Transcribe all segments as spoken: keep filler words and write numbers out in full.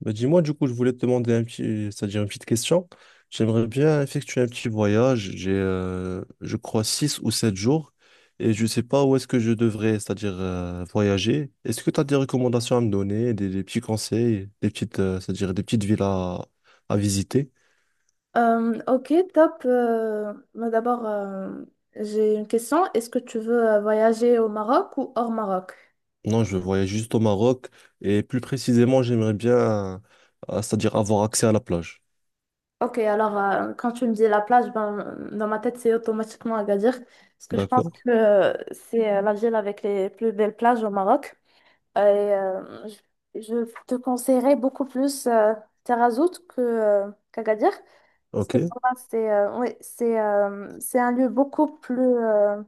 Bah, dis-moi, du coup, je voulais te demander un petit, c'est-à-dire une petite question. J'aimerais bien effectuer un petit voyage. J'ai, euh, je crois, six ou sept jours et je ne sais pas où est-ce que je devrais, c'est-à-dire euh, voyager. Est-ce que tu as des recommandations à me donner, des, des petits conseils, des petites, euh, c'est-à-dire des petites villes à, à visiter? Euh, ok, top. Euh, mais d'abord, euh, j'ai une question. Est-ce que tu veux euh, voyager au Maroc ou hors Maroc? Non, je voyage juste au Maroc et plus précisément, j'aimerais bien, euh, c'est-à-dire avoir accès à la plage. Ok, alors euh, quand tu me dis la plage, ben, dans ma tête, c'est automatiquement Agadir. Parce que je pense D'accord? que euh, c'est euh, la ville avec les plus belles plages au Maroc. Et euh, je, je te conseillerais beaucoup plus euh, Taghazout que, euh, qu'Agadir. Parce Ok. que pour moi, c'est euh, ouais, c'est euh, c'est un lieu beaucoup plus, euh,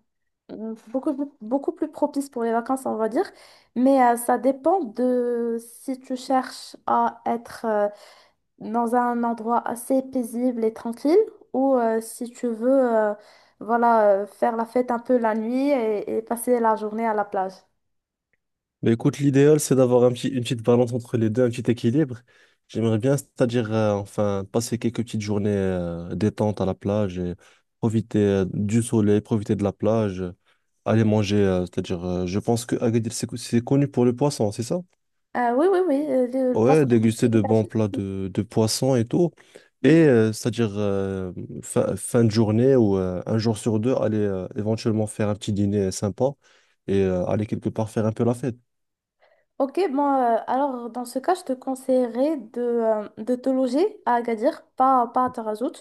mmh, beaucoup, plus- beaucoup plus propice pour les vacances, on va dire. Mais euh, ça dépend de si tu cherches à être euh, dans un endroit assez paisible et tranquille ou euh, si tu veux euh, voilà, euh, faire la fête un peu la nuit et, et passer la journée à la plage. Mais écoute, l'idéal, c'est d'avoir un petit, une petite balance entre les deux, un petit équilibre. J'aimerais bien, c'est-à-dire, euh, enfin, passer quelques petites journées euh, détente à la plage et profiter euh, du soleil, profiter de la plage, euh, aller manger. Euh, c'est-à-dire, euh, je pense que Agadir, c'est co- c'est connu pour le poisson, c'est ça? Euh, oui, oui, oui, euh, le, le Ouais, passeport est déguster de bons établi. plats de, de poisson et tout. Et euh, c'est-à-dire, euh, fin, fin de journée ou euh, un jour sur deux, aller euh, éventuellement faire un petit dîner sympa et euh, aller quelque part faire un peu la fête. Ok, bon, euh, alors dans ce cas, je te conseillerais de, euh, de te loger à Agadir, pas, pas à Tarazout.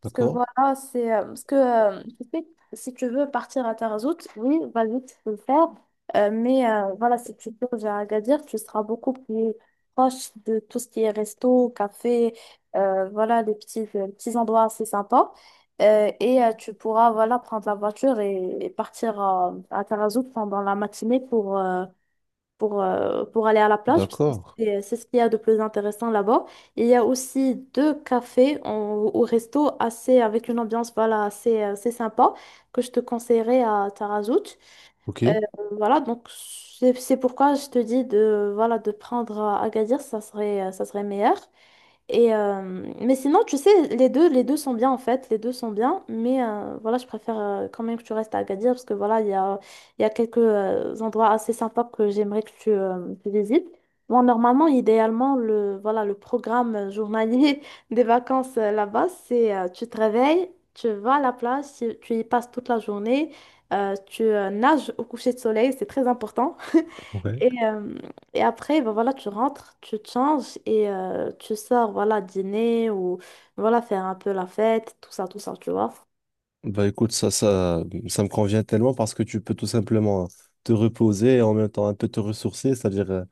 Parce que D'accord? voilà, c'est. Euh, parce que euh, tu sais, si tu veux partir à Tarazout, oui, vas-y, tu peux le faire. Euh, mais euh, voilà, si tu te loges à Agadir, tu seras beaucoup plus proche de tout ce qui est resto, café, euh, voilà, des petits, des petits endroits assez sympas. Euh, et euh, tu pourras voilà, prendre la voiture et, et partir à, à Tarazout pendant la matinée pour. euh, pour, euh, pour aller à la plage, parce que D'accord. c'est c'est ce qu'il y a de plus intéressant là-bas. Et Il y a aussi deux cafés en- au resto assez, avec une ambiance voilà, assez, euh, assez sympa que je te conseillerais à Tarazout. Ok. Euh, voilà, donc c'est c'est pourquoi je te dis de, voilà, de prendre euh, Agadir, ça serait, euh, ça serait meilleur. Et, euh, mais sinon, tu sais, les deux, les deux sont bien en fait, les deux sont bien, mais euh, voilà, je préfère euh, quand même que tu restes à Agadir parce que voilà, il y a, il y a quelques euh, endroits assez sympas que j'aimerais que tu, euh, tu visites. Bon, normalement, idéalement, le, voilà, le programme journalier des vacances euh, là-bas, c'est euh, tu te réveilles, tu vas à la plage, tu tu y passes toute la journée. Euh, tu euh, nages au coucher de soleil, c'est très important. Ouais. Et, euh, et après, ben voilà, tu rentres, tu te changes et euh, tu sors, voilà, dîner ou voilà, faire un peu la fête, tout ça, tout ça, tu vois. Bah écoute, ça, ça, ça me convient tellement parce que tu peux tout simplement te reposer et en même temps un peu te ressourcer, c'est-à-dire euh,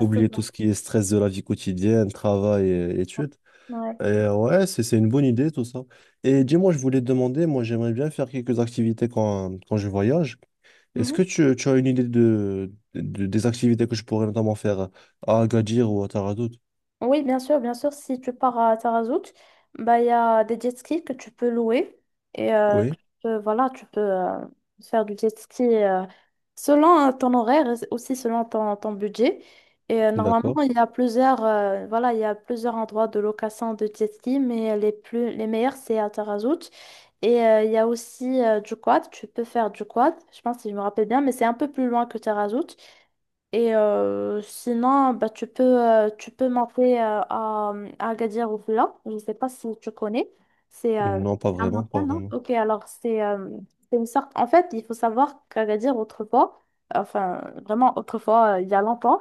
oublier tout ce qui est stress de la vie quotidienne, travail et études. Ouais. Et euh, ouais, c'est, c'est une bonne idée tout ça. Et dis-moi, je voulais te demander, moi j'aimerais bien faire quelques activités quand, quand je voyage. Est-ce que tu, tu as une idée de, de- des activités que je pourrais notamment faire à Agadir ou à Taradout? Oui, bien sûr, bien sûr. Si tu pars à Tarazout, bah, il y a des jet skis que tu peux louer. Et euh, que Oui, tu peux- Voilà, tu peux euh, faire du jet ski euh, selon euh, ton horaire, et aussi selon ton, ton budget. Et euh, normalement, d'accord. il y a plusieurs, euh, voilà, il y a plusieurs endroits de location de jet ski, mais les plus, les meilleurs, c'est à Tarazout. Et euh, il y a aussi euh, du quad. Tu peux faire du quad, je pense, si je me rappelle bien, mais c'est un peu plus loin que Tarazout. Et euh, sinon, bah, tu peux, euh, tu peux monter euh, à, euh, à Agadir Oufla. Je ne sais pas si tu connais. C'est euh, Non, pas un vraiment, pas montagne, non? vraiment. Ok, alors c'est euh, c'est une sorte. En fait, il faut savoir qu'Agadir, autrefois, enfin, vraiment autrefois, euh, il y a longtemps,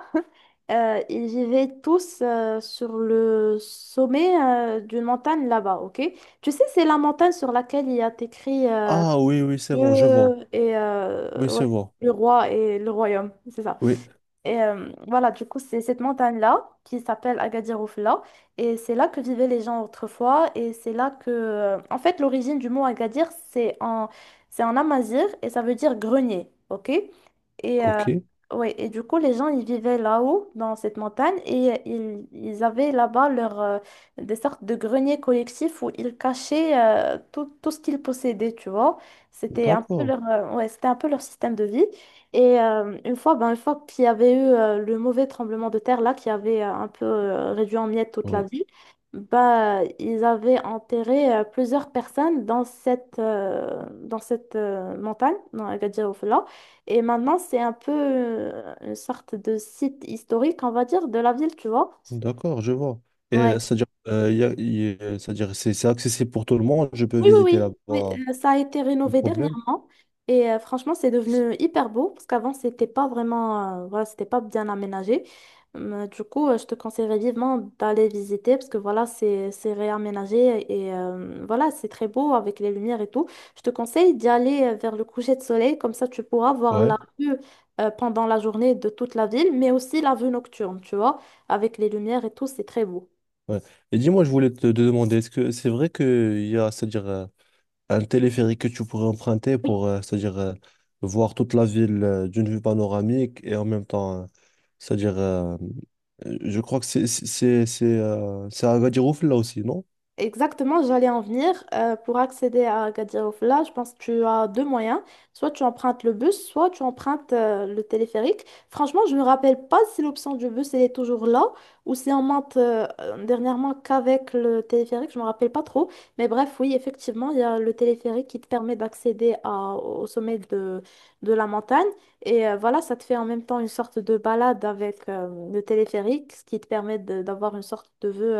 euh, ils vivaient tous euh, sur le sommet euh, d'une montagne là-bas, ok? Tu sais, c'est la montagne sur laquelle il y a écrit euh, Ah oui, oui, c'est bon, Dieu je vois. et euh, Oui, ouais, c'est bon. le roi et le royaume, c'est ça. Oui, Et euh, voilà, du coup, c'est cette montagne-là qui s'appelle Agadir Oufla. Et c'est là que vivaient les gens autrefois. Et c'est là que. Euh, En fait, l'origine du mot Agadir, c'est en, c'est en amazigh et ça veut dire grenier. Ok? Et, euh, ok. ouais, et du coup, les gens, ils vivaient là-haut, dans cette montagne. Et euh, ils, ils avaient là-bas leur, euh, des sortes de greniers collectifs où ils cachaient euh, tout, tout ce qu'ils possédaient, tu vois. C'était un peu D'accord. Leur, euh, ouais, c'était un peu leur système de vie. Et euh, une fois, ben, une fois qu'il y avait eu euh, le mauvais tremblement de terre là, qui avait euh, un peu euh, réduit en miettes toute la Oui, ville, bah, ils avaient enterré euh, plusieurs personnes dans cette, euh, dans cette euh, montagne, dans Agadir Oufella. Et maintenant, c'est un peu euh, une sorte de site historique, on va dire, de la ville, tu vois. d'accord, je vois. Et Ouais. c'est-à-dire, euh, y a- y a- c'est-à-dire, c'est c'est accessible pour tout le monde. Je peux Oui, oui, visiter oui. là-bas Oui, sans euh, ça a été rénové problème. dernièrement et euh, franchement, c'est devenu hyper beau parce qu'avant, c'était pas vraiment, euh, voilà, c'était pas bien aménagé. Mais du coup, euh, je te conseillerais vivement d'aller visiter parce que voilà, c'est c'est réaménagé et euh, voilà, c'est très beau avec les lumières et tout. Je te conseille d'y aller euh, vers le coucher de soleil, comme ça tu pourras voir Ouais, la vue euh, pendant la journée de toute la ville, mais aussi la vue nocturne, tu vois, avec les lumières et tout, c'est très beau. ouais. Et dis-moi, je voulais te, te demander, est-ce que c'est vrai qu'il y a, c'est-à-dire, euh, un téléphérique que tu pourrais emprunter pour, euh, c'est-à-dire, euh, voir toute la ville euh, d'une vue panoramique et en même temps, euh, c'est-à-dire, euh, euh, je crois que c'est c'est c'est c'est euh, c'est à Agadir Oufel, là aussi, non? Exactement, j'allais en venir. Euh, pour accéder à Agadir Oufla, je pense que tu as deux moyens. Soit tu empruntes le bus, soit tu empruntes euh, le téléphérique. Franchement, je ne me rappelle pas si l'option du bus elle est toujours là ou si on monte euh, euh, dernièrement qu'avec le téléphérique. Je ne me rappelle pas trop. Mais bref, oui, effectivement, il y a le téléphérique qui te permet d'accéder à- au sommet de, de la montagne. Et euh, voilà, ça te fait en même temps une sorte de balade avec euh, le téléphérique, ce qui te permet de- d'avoir une sorte de vue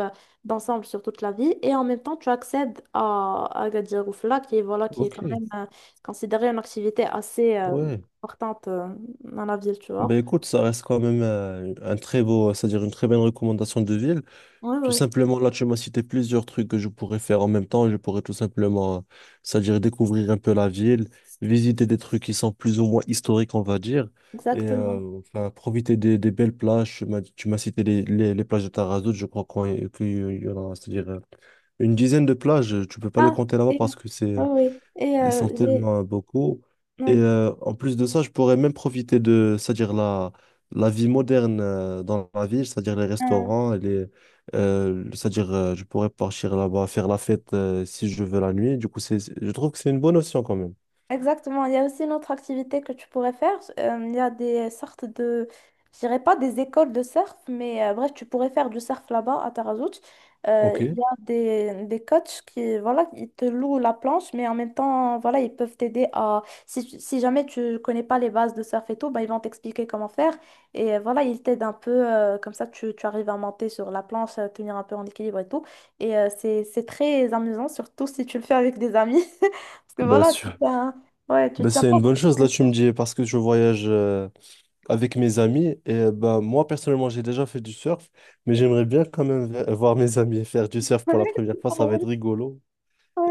d'ensemble sur toute la vie et en même temps tu accèdes à à Agadir Oufla qui est voilà qui est Ok, quand même euh, considérée une activité assez euh, ouais. importante euh, dans la ville, tu vois. Ben écoute, ça reste quand même euh, un très beau, c'est-à-dire une très bonne recommandation de ville. Oui, Tout oui, simplement, là, tu m'as cité plusieurs trucs que je pourrais faire en même temps. Je pourrais tout simplement, euh, c'est-à-dire découvrir un peu la ville, visiter des trucs qui sont plus ou moins historiques, on va dire, et euh, exactement. enfin, profiter des, des belles plages. Tu m'as tu m'as cité les, les, les plages de Tarazout, je crois qu'on- qu'il y en a, c'est-à-dire euh, une dizaine de plages. Tu peux pas les Ah. compter là-bas Et, parce que oui, c'est oui. Et ils sont euh, J'ai... tellement beaucoup. Et ouais. euh, en plus de ça, je pourrais même profiter de, c'est-à-dire la, la vie moderne euh, dans la ville, c'est-à-dire les Euh, restaurants, et les, euh, c'est-à-dire euh, je pourrais partir là-bas, faire la fête euh, si je veux la nuit. Du coup, c'est, c'est- je trouve que c'est une bonne option quand même. Exactement. Il y a aussi une autre activité que tu pourrais faire. Euh, il y a des sortes de, je dirais pas des écoles de surf, mais euh, bref, tu pourrais faire du surf là-bas à Tarazout. Ok. Euh, il y a des, des coachs qui, voilà, ils te louent la planche, mais en même temps, voilà, ils peuvent t'aider à, si, tu- si jamais tu connais pas les bases de surf et tout, bah, ils vont t'expliquer comment faire. Et euh, voilà, ils t'aident un peu, euh, comme ça, tu, tu arrives à monter sur la planche, à tenir un peu en équilibre et tout. Et euh, c'est, c'est très amusant, surtout si tu le fais avec des amis. Parce que Bah, voilà, tu sûr. fais un- ouais, tu Bah, tiens c'est pas une bonne chose, là vraiment et tu me tout. dis, parce que je voyage euh, avec mes amis et euh, bah, moi personnellement j'ai déjà fait du surf, mais j'aimerais bien quand même v- voir mes amis faire du surf pour la première fois, ça va Pardon, être juste- rigolo.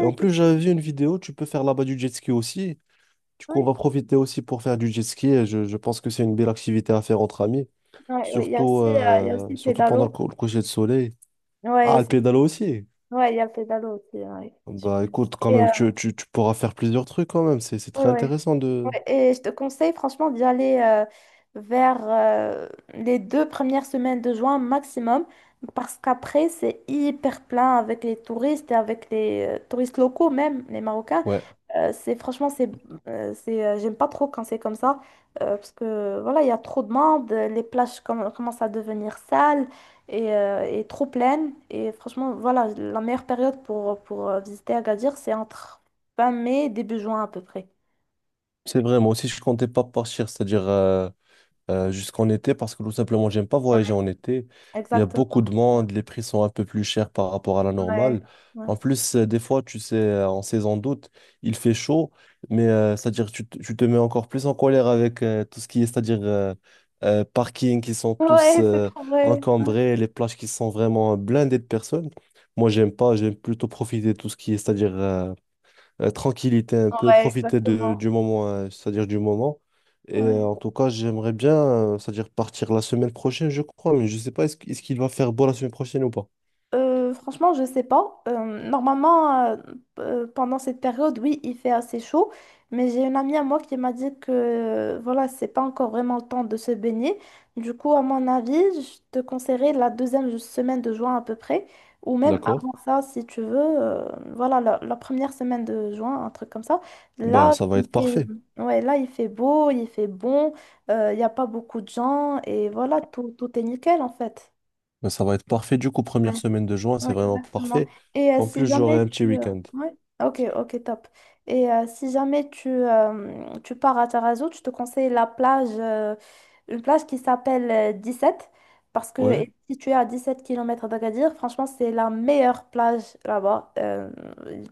Et en plus, tu- j'avais vu une vidéo, tu peux faire là-bas du jet ski aussi. Du coup, on ouais, va profiter aussi pour faire du jet ski. Et je, je pense que c'est une belle activité à faire entre amis, ouais, ouais. Il y a surtout, aussi, euh, il y a euh, aussi le surtout pendant le, pédalo. cou- le coucher de soleil. Ouais, Ah, le c'est- pédalo aussi. ouais, il y a le pédalo aussi. Ouais. Bah écoute, quand Et, euh, même, tu, tu, tu pourras faire plusieurs trucs quand même. C'est, c'est ouais, très ouais, intéressant de… ouais. Et je te conseille franchement d'y aller euh, vers euh, les deux premières semaines de juin maximum, parce qu'après, c'est hyper plein avec les touristes et avec les euh, touristes locaux même, les Marocains. Ouais, Euh, c'est franchement c'est euh, c'est euh, J'aime pas trop quand c'est comme ça, euh, parce que voilà il y a trop de monde, euh, les plages comm- commencent à devenir sales et, euh, et trop pleines et franchement voilà la meilleure période pour pour euh, visiter Agadir c'est entre fin mai et début juin à peu près. c'est vrai, moi aussi, je comptais pas partir, c'est-à-dire... euh, euh, jusqu'en été parce que tout simplement, j'aime pas voyager Ouais. en été. Il y a beaucoup Exactement. de monde, les prix sont un peu plus chers par rapport à la Ouais, normale. ouais, En plus, euh, des fois, tu sais, euh, en saison d'août, il fait chaud, mais euh, c'est-à-dire tu, te tu te mets encore plus en colère avec euh, tout ce qui est, c'est-à-dire euh, euh, parking qui sont tous ouais. C'est euh, trop vrai. encombrés, les plages qui sont vraiment blindées de personnes. Moi, j'aime pas, j'aime plutôt profiter de tout ce qui est, c'est-à-dire euh, euh, tranquillité un peu, Ouais, profiter de, exactement. du moment, euh, c'est-à-dire du moment. Et Ouais. euh, en tout cas, j'aimerais bien, euh, c'est-à-dire partir la semaine prochaine, je crois, mais je ne sais pas, est-ce, qu- est-ce qu'il va faire beau la semaine prochaine ou pas? Euh, franchement, je sais pas. Euh, normalement, euh, euh, pendant cette période, oui, il fait assez chaud. Mais j'ai une amie à moi qui m'a dit que euh, voilà, c'est pas encore vraiment le temps de se baigner. Du coup, à mon avis, je te conseillerais la deuxième semaine de juin à peu près, ou même D'accord. avant ça, si tu veux. Euh, voilà, la, la première semaine de juin, un truc comme ça. Bah, Là, ça va il être fait, parfait. ouais, là, il fait beau, il fait bon. Euh, il n'y a pas beaucoup de gens, et voilà, tout, tout est nickel en fait. Bah, ça va être parfait. Du coup, première semaine de juin, Ouais, c'est vraiment exactement. parfait. Et euh, En Si plus, j'aurai jamais un petit tu... euh, week-end. Ouais. Ah, ok, ok, top. Et euh, si jamais tu, euh, tu pars à Tarazu, je te conseille la plage, euh, une plage qui s'appelle euh, sept parce que Ouais? est située à dix-sept kilomètres d'Agadir, franchement, c'est la meilleure plage là-bas. Euh,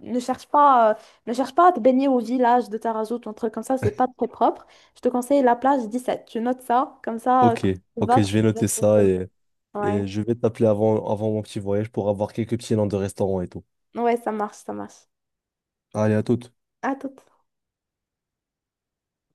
ne cherche pas, euh, Ne cherche pas à te baigner au village de Tarazu, ton truc comme ça, c'est pas très propre. Je te conseille la plage dix-sept. Tu notes ça, comme ça, Ok. quand tu Ok, vas, je tu vais y vas noter ça directement. et, Ouais, et je vais t'appeler avant, avant mon petit voyage pour avoir quelques petits noms de restaurants et tout. ouais, ça marche, ça marche. Allez, à toutes. À tout.